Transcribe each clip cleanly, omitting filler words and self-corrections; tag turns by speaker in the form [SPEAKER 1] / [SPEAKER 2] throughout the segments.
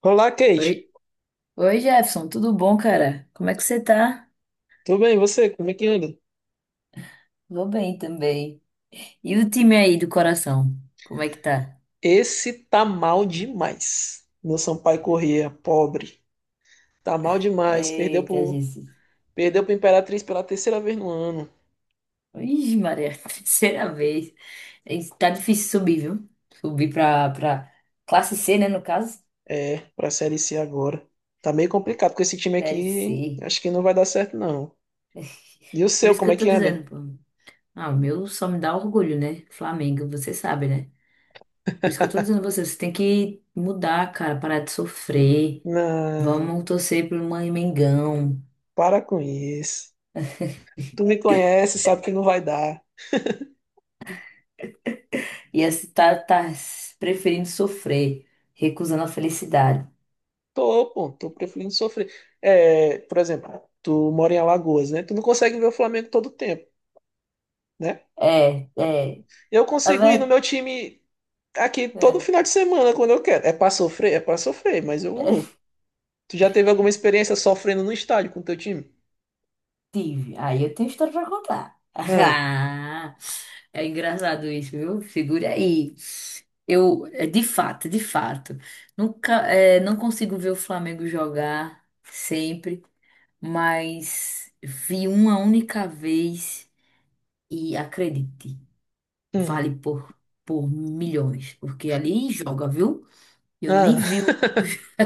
[SPEAKER 1] Olá, Kate.
[SPEAKER 2] Oi, oi Jefferson, tudo bom, cara? Como é que você tá?
[SPEAKER 1] Tudo bem? E você? Como é que anda?
[SPEAKER 2] Vou bem também. E o time aí do coração? Como é que tá?
[SPEAKER 1] Esse tá mal demais. Meu Sampaio Corrêa, pobre. Tá mal demais. Perdeu
[SPEAKER 2] Eita,
[SPEAKER 1] pro,
[SPEAKER 2] Jesus.
[SPEAKER 1] perdeu pro Imperatriz pela terceira vez no ano.
[SPEAKER 2] Ixi, Maria, terceira vez. Ih, tá difícil subir, viu? Subir pra classe C, né, no caso?
[SPEAKER 1] É, pra Série C agora. Tá meio complicado com esse time
[SPEAKER 2] Série
[SPEAKER 1] aqui.
[SPEAKER 2] C.
[SPEAKER 1] Acho que não vai dar certo, não. E o
[SPEAKER 2] Por
[SPEAKER 1] seu,
[SPEAKER 2] isso que
[SPEAKER 1] como é
[SPEAKER 2] eu tô
[SPEAKER 1] que anda?
[SPEAKER 2] dizendo, pô. Ah, o meu só me dá orgulho, né? Flamengo, você sabe, né? Por isso que eu tô dizendo a você, você tem que mudar, cara, parar de sofrer.
[SPEAKER 1] Não,
[SPEAKER 2] Vamos torcer pro Mãe Mengão.
[SPEAKER 1] para com isso. Tu me conhece, sabe que não vai dar.
[SPEAKER 2] E assim, tá preferindo sofrer, recusando a felicidade.
[SPEAKER 1] Tô, pô, tô preferindo sofrer. É, por exemplo, tu mora em Alagoas, né? Tu não consegue ver o Flamengo todo tempo, né?
[SPEAKER 2] É, é,
[SPEAKER 1] Eu
[SPEAKER 2] a
[SPEAKER 1] consigo ir no meu
[SPEAKER 2] verdade.
[SPEAKER 1] time aqui todo
[SPEAKER 2] É,
[SPEAKER 1] final de semana quando eu quero. É pra sofrer? É pra sofrer, mas eu
[SPEAKER 2] é,
[SPEAKER 1] vou. Tu já teve alguma experiência sofrendo no estádio com teu time?
[SPEAKER 2] tive. Aí eu tenho história pra contar.
[SPEAKER 1] Ah,
[SPEAKER 2] Ah, é engraçado isso, viu? Segure aí. Eu, de fato, nunca, não consigo ver o Flamengo jogar sempre, mas vi uma única vez e acredite,
[SPEAKER 1] hum,
[SPEAKER 2] vale por milhões, porque ali joga, viu? Eu nem vi
[SPEAKER 1] ah,
[SPEAKER 2] o.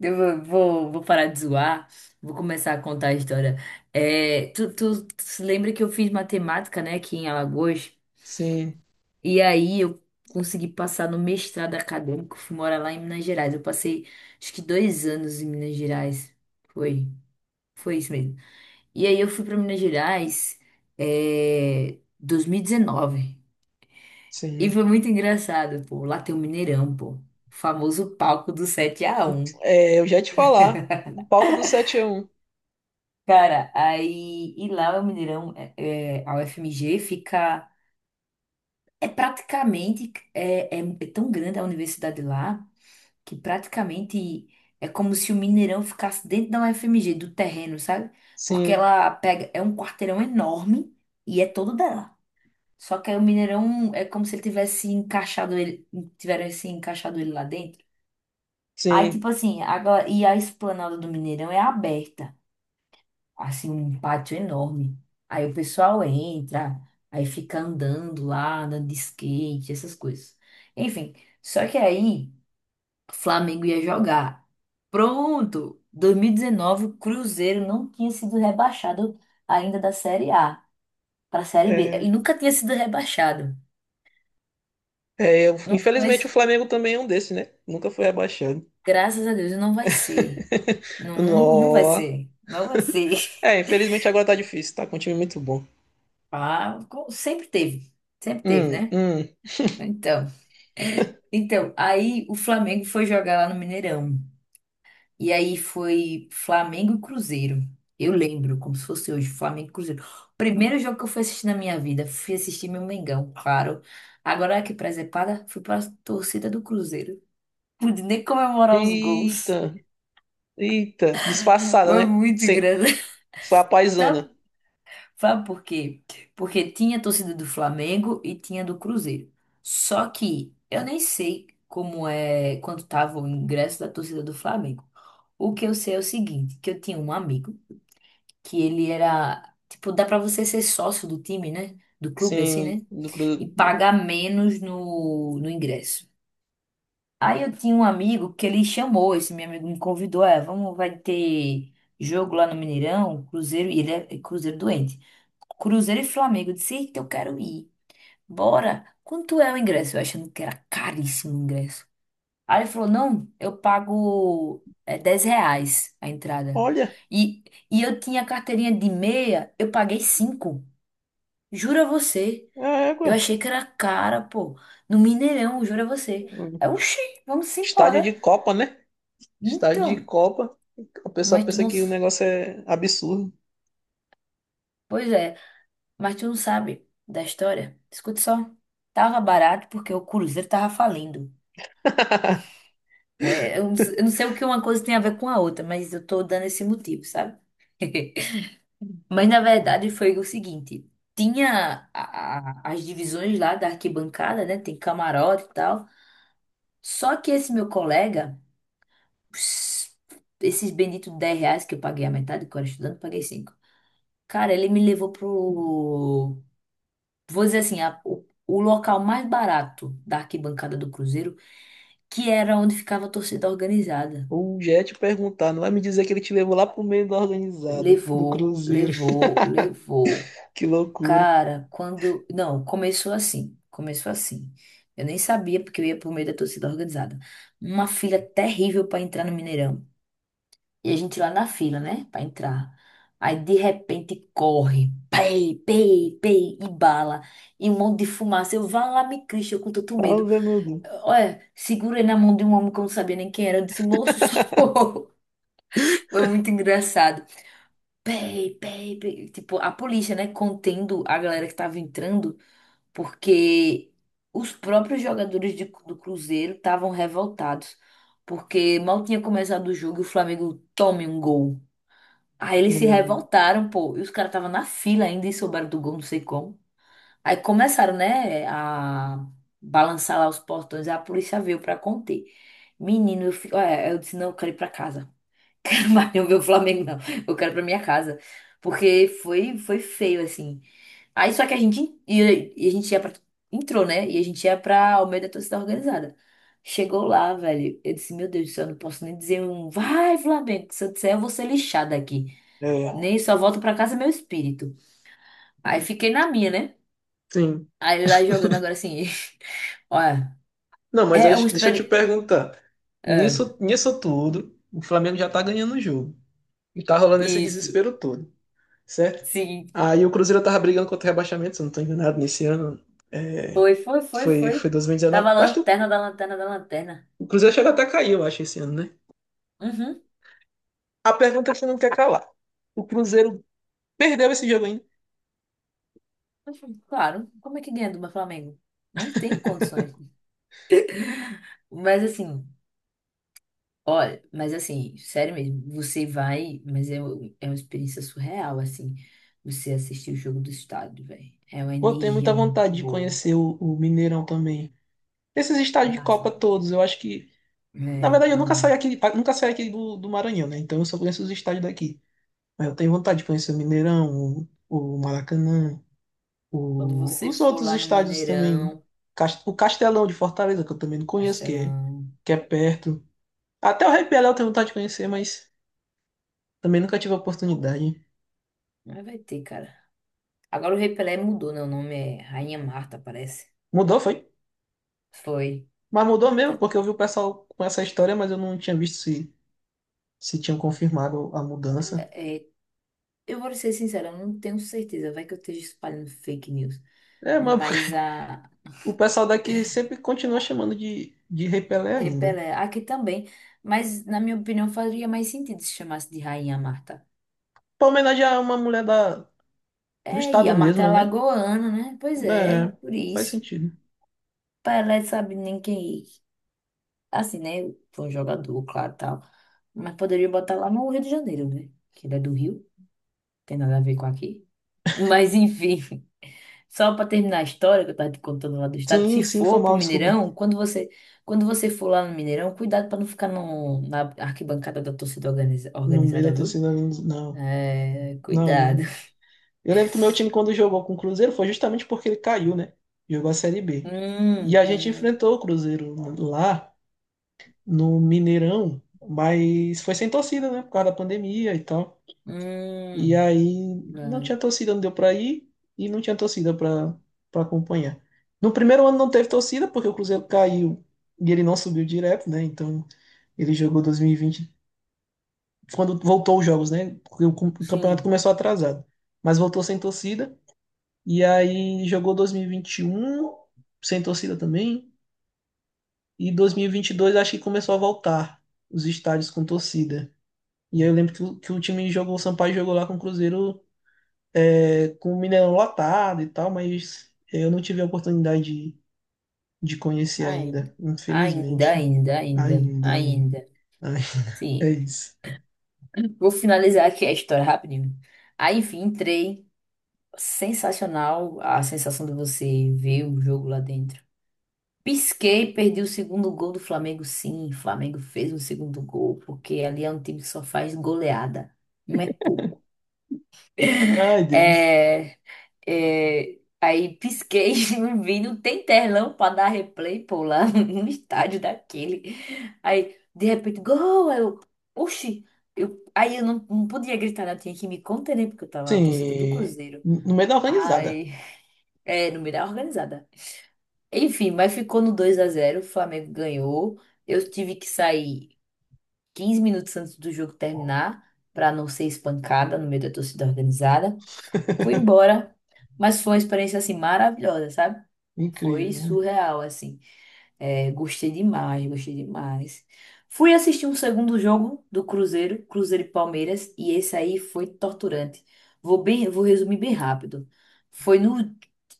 [SPEAKER 2] Eu vou parar de zoar, vou começar a contar a história. É, tu se lembra que eu fiz matemática, né, aqui em Alagoas?
[SPEAKER 1] sim,
[SPEAKER 2] E aí eu consegui passar no mestrado acadêmico, fui morar lá em Minas Gerais. Eu passei acho que 2 anos em Minas Gerais. Foi, foi isso mesmo. E aí eu fui para Minas Gerais, 2019. E dezenove. E
[SPEAKER 1] sim.
[SPEAKER 2] foi muito engraçado, pô. Lá tem o Mineirão, pô. O famoso palco do 7-1.
[SPEAKER 1] É, eu já ia te falar. O palco do 7-1.
[SPEAKER 2] Cara, aí, e lá o Mineirão, a UFMG fica, é praticamente, é tão grande a universidade lá, que praticamente é como se o Mineirão ficasse dentro da UFMG, do terreno, sabe? Porque
[SPEAKER 1] Sim,
[SPEAKER 2] ela pega, é um quarteirão enorme e é todo dela. Só que aí o Mineirão é como se ele tivesse encaixado ele, tivesse encaixado ele lá dentro. Aí,
[SPEAKER 1] sim.
[SPEAKER 2] tipo assim, agora, e a esplanada do Mineirão é aberta. Assim, um pátio enorme. Aí o pessoal entra, aí fica andando lá, andando de skate, essas coisas. Enfim, só que aí o Flamengo ia jogar. Pronto! 2019, o Cruzeiro não tinha sido rebaixado ainda da Série A para a Série B. Ele
[SPEAKER 1] É,
[SPEAKER 2] nunca tinha sido rebaixado. Não foi,
[SPEAKER 1] Infelizmente o Flamengo também é um desse, né? Nunca foi rebaixado.
[SPEAKER 2] graças a Deus, não vai ser. Não, não vai
[SPEAKER 1] Nó.
[SPEAKER 2] ser. Não vai ser.
[SPEAKER 1] É, infelizmente agora tá difícil, tá com um time muito bom.
[SPEAKER 2] Ah, sempre teve. Sempre teve,
[SPEAKER 1] Hum,
[SPEAKER 2] né?
[SPEAKER 1] hum.
[SPEAKER 2] Então. Então, aí o Flamengo foi jogar lá no Mineirão. E aí foi Flamengo e Cruzeiro. Eu lembro, como se fosse hoje, Flamengo e Cruzeiro. Primeiro jogo que eu fui assistir na minha vida, fui assistir meu Mengão, claro. Agora que presepada, fui pra torcida do Cruzeiro. Pude nem comemorar os gols.
[SPEAKER 1] Eita, eita. Disfarçada,
[SPEAKER 2] Foi
[SPEAKER 1] né?
[SPEAKER 2] muito
[SPEAKER 1] Sem.
[SPEAKER 2] engraçado.
[SPEAKER 1] Foi a paisana.
[SPEAKER 2] Sabe por quê? Porque tinha a torcida do Flamengo e tinha do Cruzeiro. Só que eu nem sei como é quanto tava o ingresso da torcida do Flamengo. O que eu sei é o seguinte, que eu tinha um amigo que ele era, tipo, dá pra você ser sócio do time, né? Do clube assim,
[SPEAKER 1] Sim,
[SPEAKER 2] né?
[SPEAKER 1] do,
[SPEAKER 2] E
[SPEAKER 1] Cru- do...
[SPEAKER 2] pagar menos no ingresso. Aí eu tinha um amigo que ele chamou, esse meu amigo me convidou, vamos, vai ter jogo lá no Mineirão, Cruzeiro, e ele é Cruzeiro doente. Cruzeiro e Flamengo. Eu disse, eita, eu quero ir. Bora. Quanto é o ingresso? Eu achando que era caríssimo o ingresso. Aí ele falou, não, eu pago R$ 10 a entrada.
[SPEAKER 1] Olha,
[SPEAKER 2] E, e eu tinha carteirinha de meia, eu paguei 5. Jura você.
[SPEAKER 1] é
[SPEAKER 2] Eu
[SPEAKER 1] égua.
[SPEAKER 2] achei que era cara, pô. No Mineirão, jura você. Aí, oxi, vamos
[SPEAKER 1] Estádio de
[SPEAKER 2] embora.
[SPEAKER 1] Copa, né? Estádio de
[SPEAKER 2] Então,
[SPEAKER 1] Copa. A pessoa
[SPEAKER 2] mas tu
[SPEAKER 1] pensa
[SPEAKER 2] não.
[SPEAKER 1] que o negócio é absurdo.
[SPEAKER 2] Pois é, mas tu não sabe da história? Escuta só. Tava barato porque o Cruzeiro tava falindo. Né? Eu não sei o que uma coisa tem a ver com a outra, mas eu tô dando esse motivo, sabe? Mas na verdade foi o seguinte: tinha as divisões lá da arquibancada, né? Tem camarote e tal. Só que esse meu colega, ps- esses benditos R$ 10 que eu paguei a metade, que eu era estudante, paguei cinco. Cara, ele me levou pro vou dizer assim, o local mais barato da arquibancada do Cruzeiro, que era onde ficava a torcida organizada.
[SPEAKER 1] O Jet perguntar, não vai me dizer que ele te levou lá pro meio da organizada, do
[SPEAKER 2] Levou,
[SPEAKER 1] Cruzeiro.
[SPEAKER 2] levou, levou.
[SPEAKER 1] Que loucura.
[SPEAKER 2] Cara, quando. Não, começou assim. Começou assim. Eu nem sabia porque eu ia por meio da torcida organizada. Uma fila terrível para entrar no Mineirão. E a gente lá na fila, né? Para entrar. Aí de repente corre. Pei, pei, pei, e bala. E um monte de fumaça. Eu vá lá, me Cristo, eu com tanto medo.
[SPEAKER 1] Ave, meu Deus.
[SPEAKER 2] Olha, segurei na mão de um homem que eu não sabia nem quem era. Eu disse, moço, socorro. Foi muito engraçado. Pei, pei, pei. Tipo, a polícia, né, contendo a galera que tava entrando, porque os próprios jogadores do Cruzeiro estavam revoltados. Porque mal tinha começado o jogo e o Flamengo tome um gol. Aí eles se
[SPEAKER 1] Hum.
[SPEAKER 2] revoltaram, pô. E os caras estavam na fila ainda e souberam do gol, não sei como. Aí começaram, né, a balançar lá os portões, aí a polícia veio pra conter. Menino, olha, eu disse, não, eu quero ir pra casa. Quero mais não ver o Flamengo, não. Eu quero ir pra minha casa. Porque foi feio, assim. Aí só que a gente ia, e a gente ia pra, entrou, né? E a gente ia pra Almeida da torcida organizada. Chegou lá, velho. Eu disse, meu Deus do céu, eu não posso nem dizer um vai, Flamengo, que se eu disser, eu vou ser lixada aqui.
[SPEAKER 1] É,
[SPEAKER 2] Nem só volto pra casa é meu espírito. Aí fiquei na minha, né?
[SPEAKER 1] sim.
[SPEAKER 2] Aí lá jogando agora assim. Olha,
[SPEAKER 1] Não, mas
[SPEAKER 2] é um
[SPEAKER 1] deixa eu te
[SPEAKER 2] experimento.
[SPEAKER 1] perguntar. Nisso tudo, o Flamengo já tá ganhando o jogo. E tá rolando esse
[SPEAKER 2] Isso,
[SPEAKER 1] desespero todo, certo?
[SPEAKER 2] sim.
[SPEAKER 1] Aí o Cruzeiro tava brigando contra o rebaixamento, se eu não tô enganado, nesse ano. É,
[SPEAKER 2] Foi, foi, foi,
[SPEAKER 1] foi,
[SPEAKER 2] foi.
[SPEAKER 1] foi dois mil e.
[SPEAKER 2] Tava a
[SPEAKER 1] Eu acho que
[SPEAKER 2] lanterna da lanterna da lanterna.
[SPEAKER 1] o Cruzeiro chegou até a cair, eu acho, esse ano, né?
[SPEAKER 2] Uhum.
[SPEAKER 1] A pergunta que você não quer calar. O Cruzeiro perdeu esse jogo ainda.
[SPEAKER 2] Uhum, claro. Como é que ganha do Flamengo? Não tem condições. Mas assim, olha, mas assim, sério mesmo, você vai, mas é, é uma experiência surreal, assim, você assistir o jogo do estádio, velho. É uma
[SPEAKER 1] Pô, tenho muita
[SPEAKER 2] energia muito
[SPEAKER 1] vontade de
[SPEAKER 2] boa.
[SPEAKER 1] conhecer o Mineirão também. Esses estádios de
[SPEAKER 2] Massa.
[SPEAKER 1] Copa todos, eu acho que. Na
[SPEAKER 2] É,
[SPEAKER 1] verdade, eu
[SPEAKER 2] é
[SPEAKER 1] nunca saí
[SPEAKER 2] massa.
[SPEAKER 1] aqui, nunca saí aqui do Maranhão, né? Então eu só conheço os estádios daqui. Mas eu tenho vontade de conhecer o Mineirão, o Maracanã.
[SPEAKER 2] Quando
[SPEAKER 1] O-
[SPEAKER 2] você
[SPEAKER 1] os
[SPEAKER 2] for
[SPEAKER 1] outros
[SPEAKER 2] lá no
[SPEAKER 1] estádios também.
[SPEAKER 2] Mineirão,
[SPEAKER 1] O Castelão de Fortaleza, que eu também não conheço, que é,
[SPEAKER 2] Castelão,
[SPEAKER 1] que é perto. Até o Rei Pelé eu tenho vontade de conhecer, mas também nunca tive a oportunidade.
[SPEAKER 2] não vai ter, cara. Agora o Rei Pelé mudou, né? O nome é Rainha Marta, parece.
[SPEAKER 1] Mudou, foi?
[SPEAKER 2] Foi.
[SPEAKER 1] Mas mudou mesmo,
[SPEAKER 2] Ainda-
[SPEAKER 1] porque eu vi o pessoal com essa história, mas eu não tinha visto se tinham confirmado a mudança.
[SPEAKER 2] é, eu vou ser sincera, eu não tenho certeza. Vai que eu esteja espalhando fake news.
[SPEAKER 1] É, mas
[SPEAKER 2] Mas a
[SPEAKER 1] o pessoal daqui sempre continua chamando de Rei Pelé
[SPEAKER 2] Rei
[SPEAKER 1] ainda.
[SPEAKER 2] Pelé, aqui também. Mas, na minha opinião, faria mais sentido se chamasse de Rainha Marta.
[SPEAKER 1] Pra homenagear uma mulher da, do
[SPEAKER 2] É, e a
[SPEAKER 1] estado
[SPEAKER 2] Marta é
[SPEAKER 1] mesmo, né?
[SPEAKER 2] lagoana, né? Pois é,
[SPEAKER 1] É,
[SPEAKER 2] por
[SPEAKER 1] faz
[SPEAKER 2] isso.
[SPEAKER 1] sentido.
[SPEAKER 2] Pelé sabe nem quem. Assim, né? Foi um jogador, claro, tal. Mas poderia botar lá no Rio de Janeiro, né? Que ele é do Rio, tem nada a ver com aqui. Mas enfim. Só para terminar a história que eu tava te contando lá do estado, se
[SPEAKER 1] Sim, sim, foi
[SPEAKER 2] for pro
[SPEAKER 1] mal, desculpa.
[SPEAKER 2] Mineirão, quando você, for lá no Mineirão, cuidado para não ficar no, na arquibancada da torcida
[SPEAKER 1] No meio
[SPEAKER 2] organizada,
[SPEAKER 1] da
[SPEAKER 2] viu?
[SPEAKER 1] torcida, não.
[SPEAKER 2] É,
[SPEAKER 1] Não,
[SPEAKER 2] cuidado.
[SPEAKER 1] não. Eu lembro que o meu time, quando jogou com o Cruzeiro, foi justamente porque ele caiu, né? Jogou a Série B. E
[SPEAKER 2] Hum,
[SPEAKER 1] a gente
[SPEAKER 2] hum,
[SPEAKER 1] enfrentou o Cruzeiro lá no Mineirão, mas foi sem torcida, né? Por causa da pandemia e tal. E
[SPEAKER 2] hum,
[SPEAKER 1] aí não
[SPEAKER 2] vale.
[SPEAKER 1] tinha torcida, não deu pra ir e não tinha torcida pra, pra acompanhar. No primeiro ano não teve torcida, porque o Cruzeiro caiu e ele não subiu direto, né? Então ele jogou 2020, quando voltou os jogos, né? Porque o campeonato
[SPEAKER 2] Sim,
[SPEAKER 1] começou atrasado, mas voltou sem torcida. E aí jogou 2021 sem torcida também. E 2022 acho que começou a voltar os estádios com torcida. E aí eu lembro que o time jogou, o Sampaio jogou lá com o Cruzeiro, com o Mineirão lotado e tal, mas eu não tive a oportunidade de, de conhecer
[SPEAKER 2] ainda,
[SPEAKER 1] ainda,
[SPEAKER 2] ainda,
[SPEAKER 1] infelizmente.
[SPEAKER 2] ainda, ainda,
[SPEAKER 1] Ainda, ainda.
[SPEAKER 2] ainda,
[SPEAKER 1] Ai, é
[SPEAKER 2] sim.
[SPEAKER 1] isso.
[SPEAKER 2] Vou finalizar aqui a história rapidinho. Aí, enfim, entrei. Sensacional a sensação de você ver o jogo lá dentro. Pisquei, perdi o segundo gol do Flamengo, sim. O Flamengo fez um segundo gol, porque ali é um time que só faz goleada. Não é pouco.
[SPEAKER 1] Ai, Deus.
[SPEAKER 2] É, é, aí pisquei, não vi, não tem telão pra dar replay, pô, lá no estádio daquele. Aí, de repente, gol! Aí eu, oxi! Eu, aí eu não podia gritar, né? Eu tinha que me conter, né? Porque eu tava na torcida do
[SPEAKER 1] Sim,
[SPEAKER 2] Cruzeiro.
[SPEAKER 1] no meio da
[SPEAKER 2] Ai,
[SPEAKER 1] organizada.
[SPEAKER 2] é, não me dá organizada. Enfim, mas ficou no 2-0 o Flamengo ganhou. Eu tive que sair 15 minutos antes do jogo terminar para não ser espancada no meio da torcida organizada. Fui embora, mas foi uma experiência assim maravilhosa, sabe? Foi
[SPEAKER 1] Incrível.
[SPEAKER 2] surreal assim. É, gostei demais, gostei demais. Fui assistir um segundo jogo do Cruzeiro, Cruzeiro e Palmeiras, e esse aí foi torturante. Vou bem, vou resumir bem rápido. Foi no,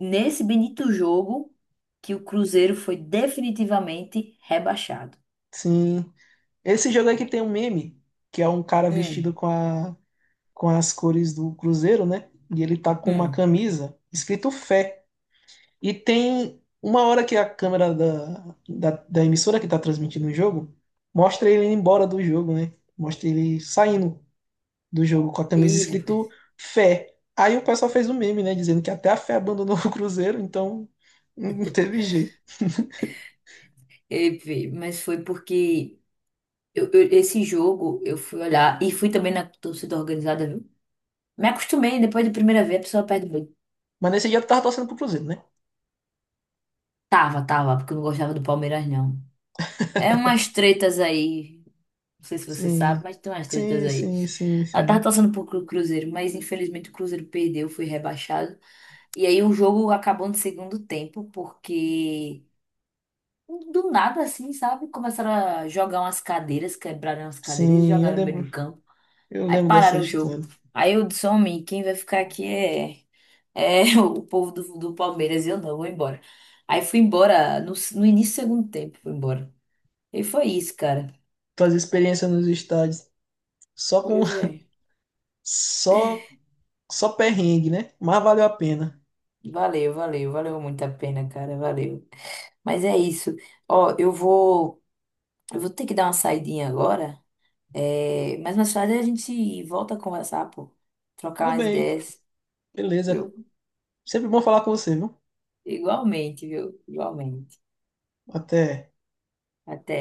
[SPEAKER 2] nesse bonito jogo que o Cruzeiro foi definitivamente rebaixado.
[SPEAKER 1] Sim. Esse jogo aqui tem um meme, que é um cara vestido
[SPEAKER 2] Hum,
[SPEAKER 1] com as cores do Cruzeiro, né? E ele tá com uma
[SPEAKER 2] hum.
[SPEAKER 1] camisa escrito fé. E tem uma hora que a câmera da emissora que tá transmitindo o jogo mostra ele indo embora do jogo, né? Mostra ele saindo do jogo com a camisa
[SPEAKER 2] Ih,
[SPEAKER 1] escrito
[SPEAKER 2] rapaz.
[SPEAKER 1] fé. Aí o pessoal fez um meme, né? Dizendo que até a fé abandonou o Cruzeiro, então não teve jeito.
[SPEAKER 2] Ei, fi, mas foi porque esse jogo eu fui olhar e fui também na torcida organizada, viu? Me acostumei, depois da primeira vez a pessoa perde muito.
[SPEAKER 1] Mas nesse dia tu tava torcendo pro Cruzeiro, né?
[SPEAKER 2] Tava, porque eu não gostava do Palmeiras, não. É umas tretas aí. Não sei se você sabe,
[SPEAKER 1] Sim,
[SPEAKER 2] mas tem umas tretas
[SPEAKER 1] sim,
[SPEAKER 2] aí.
[SPEAKER 1] sim, sim,
[SPEAKER 2] Ela tava
[SPEAKER 1] sim.
[SPEAKER 2] torcendo pro Cruzeiro, mas infelizmente o Cruzeiro perdeu, foi rebaixado. E aí o jogo acabou no segundo tempo, porque do nada, assim, sabe? Começaram a jogar umas cadeiras, quebraram as cadeiras e
[SPEAKER 1] Sim, eu
[SPEAKER 2] jogaram no meio
[SPEAKER 1] lembro,
[SPEAKER 2] do campo.
[SPEAKER 1] eu
[SPEAKER 2] Aí
[SPEAKER 1] lembro dessa
[SPEAKER 2] pararam o jogo.
[SPEAKER 1] história.
[SPEAKER 2] Aí eu disse, homem, quem vai ficar aqui é, o povo do Palmeiras. E eu não, vou embora. Aí fui embora no início do segundo tempo, fui embora. E foi isso, cara.
[SPEAKER 1] Fazer experiências nos estádios só
[SPEAKER 2] Foi,
[SPEAKER 1] com
[SPEAKER 2] é.
[SPEAKER 1] só só perrengue, né? Mas valeu a pena.
[SPEAKER 2] Valeu, valeu, valeu muito a pena, cara, valeu. Mas é isso. Ó, eu vou ter que dar uma saidinha agora. É, mas mais tarde a gente volta a conversar, pô. Trocar
[SPEAKER 1] Tudo
[SPEAKER 2] umas
[SPEAKER 1] bem,
[SPEAKER 2] ideias,
[SPEAKER 1] beleza.
[SPEAKER 2] viu?
[SPEAKER 1] Sempre bom falar com você, viu?
[SPEAKER 2] Igualmente, viu? Igualmente.
[SPEAKER 1] Até.
[SPEAKER 2] Até.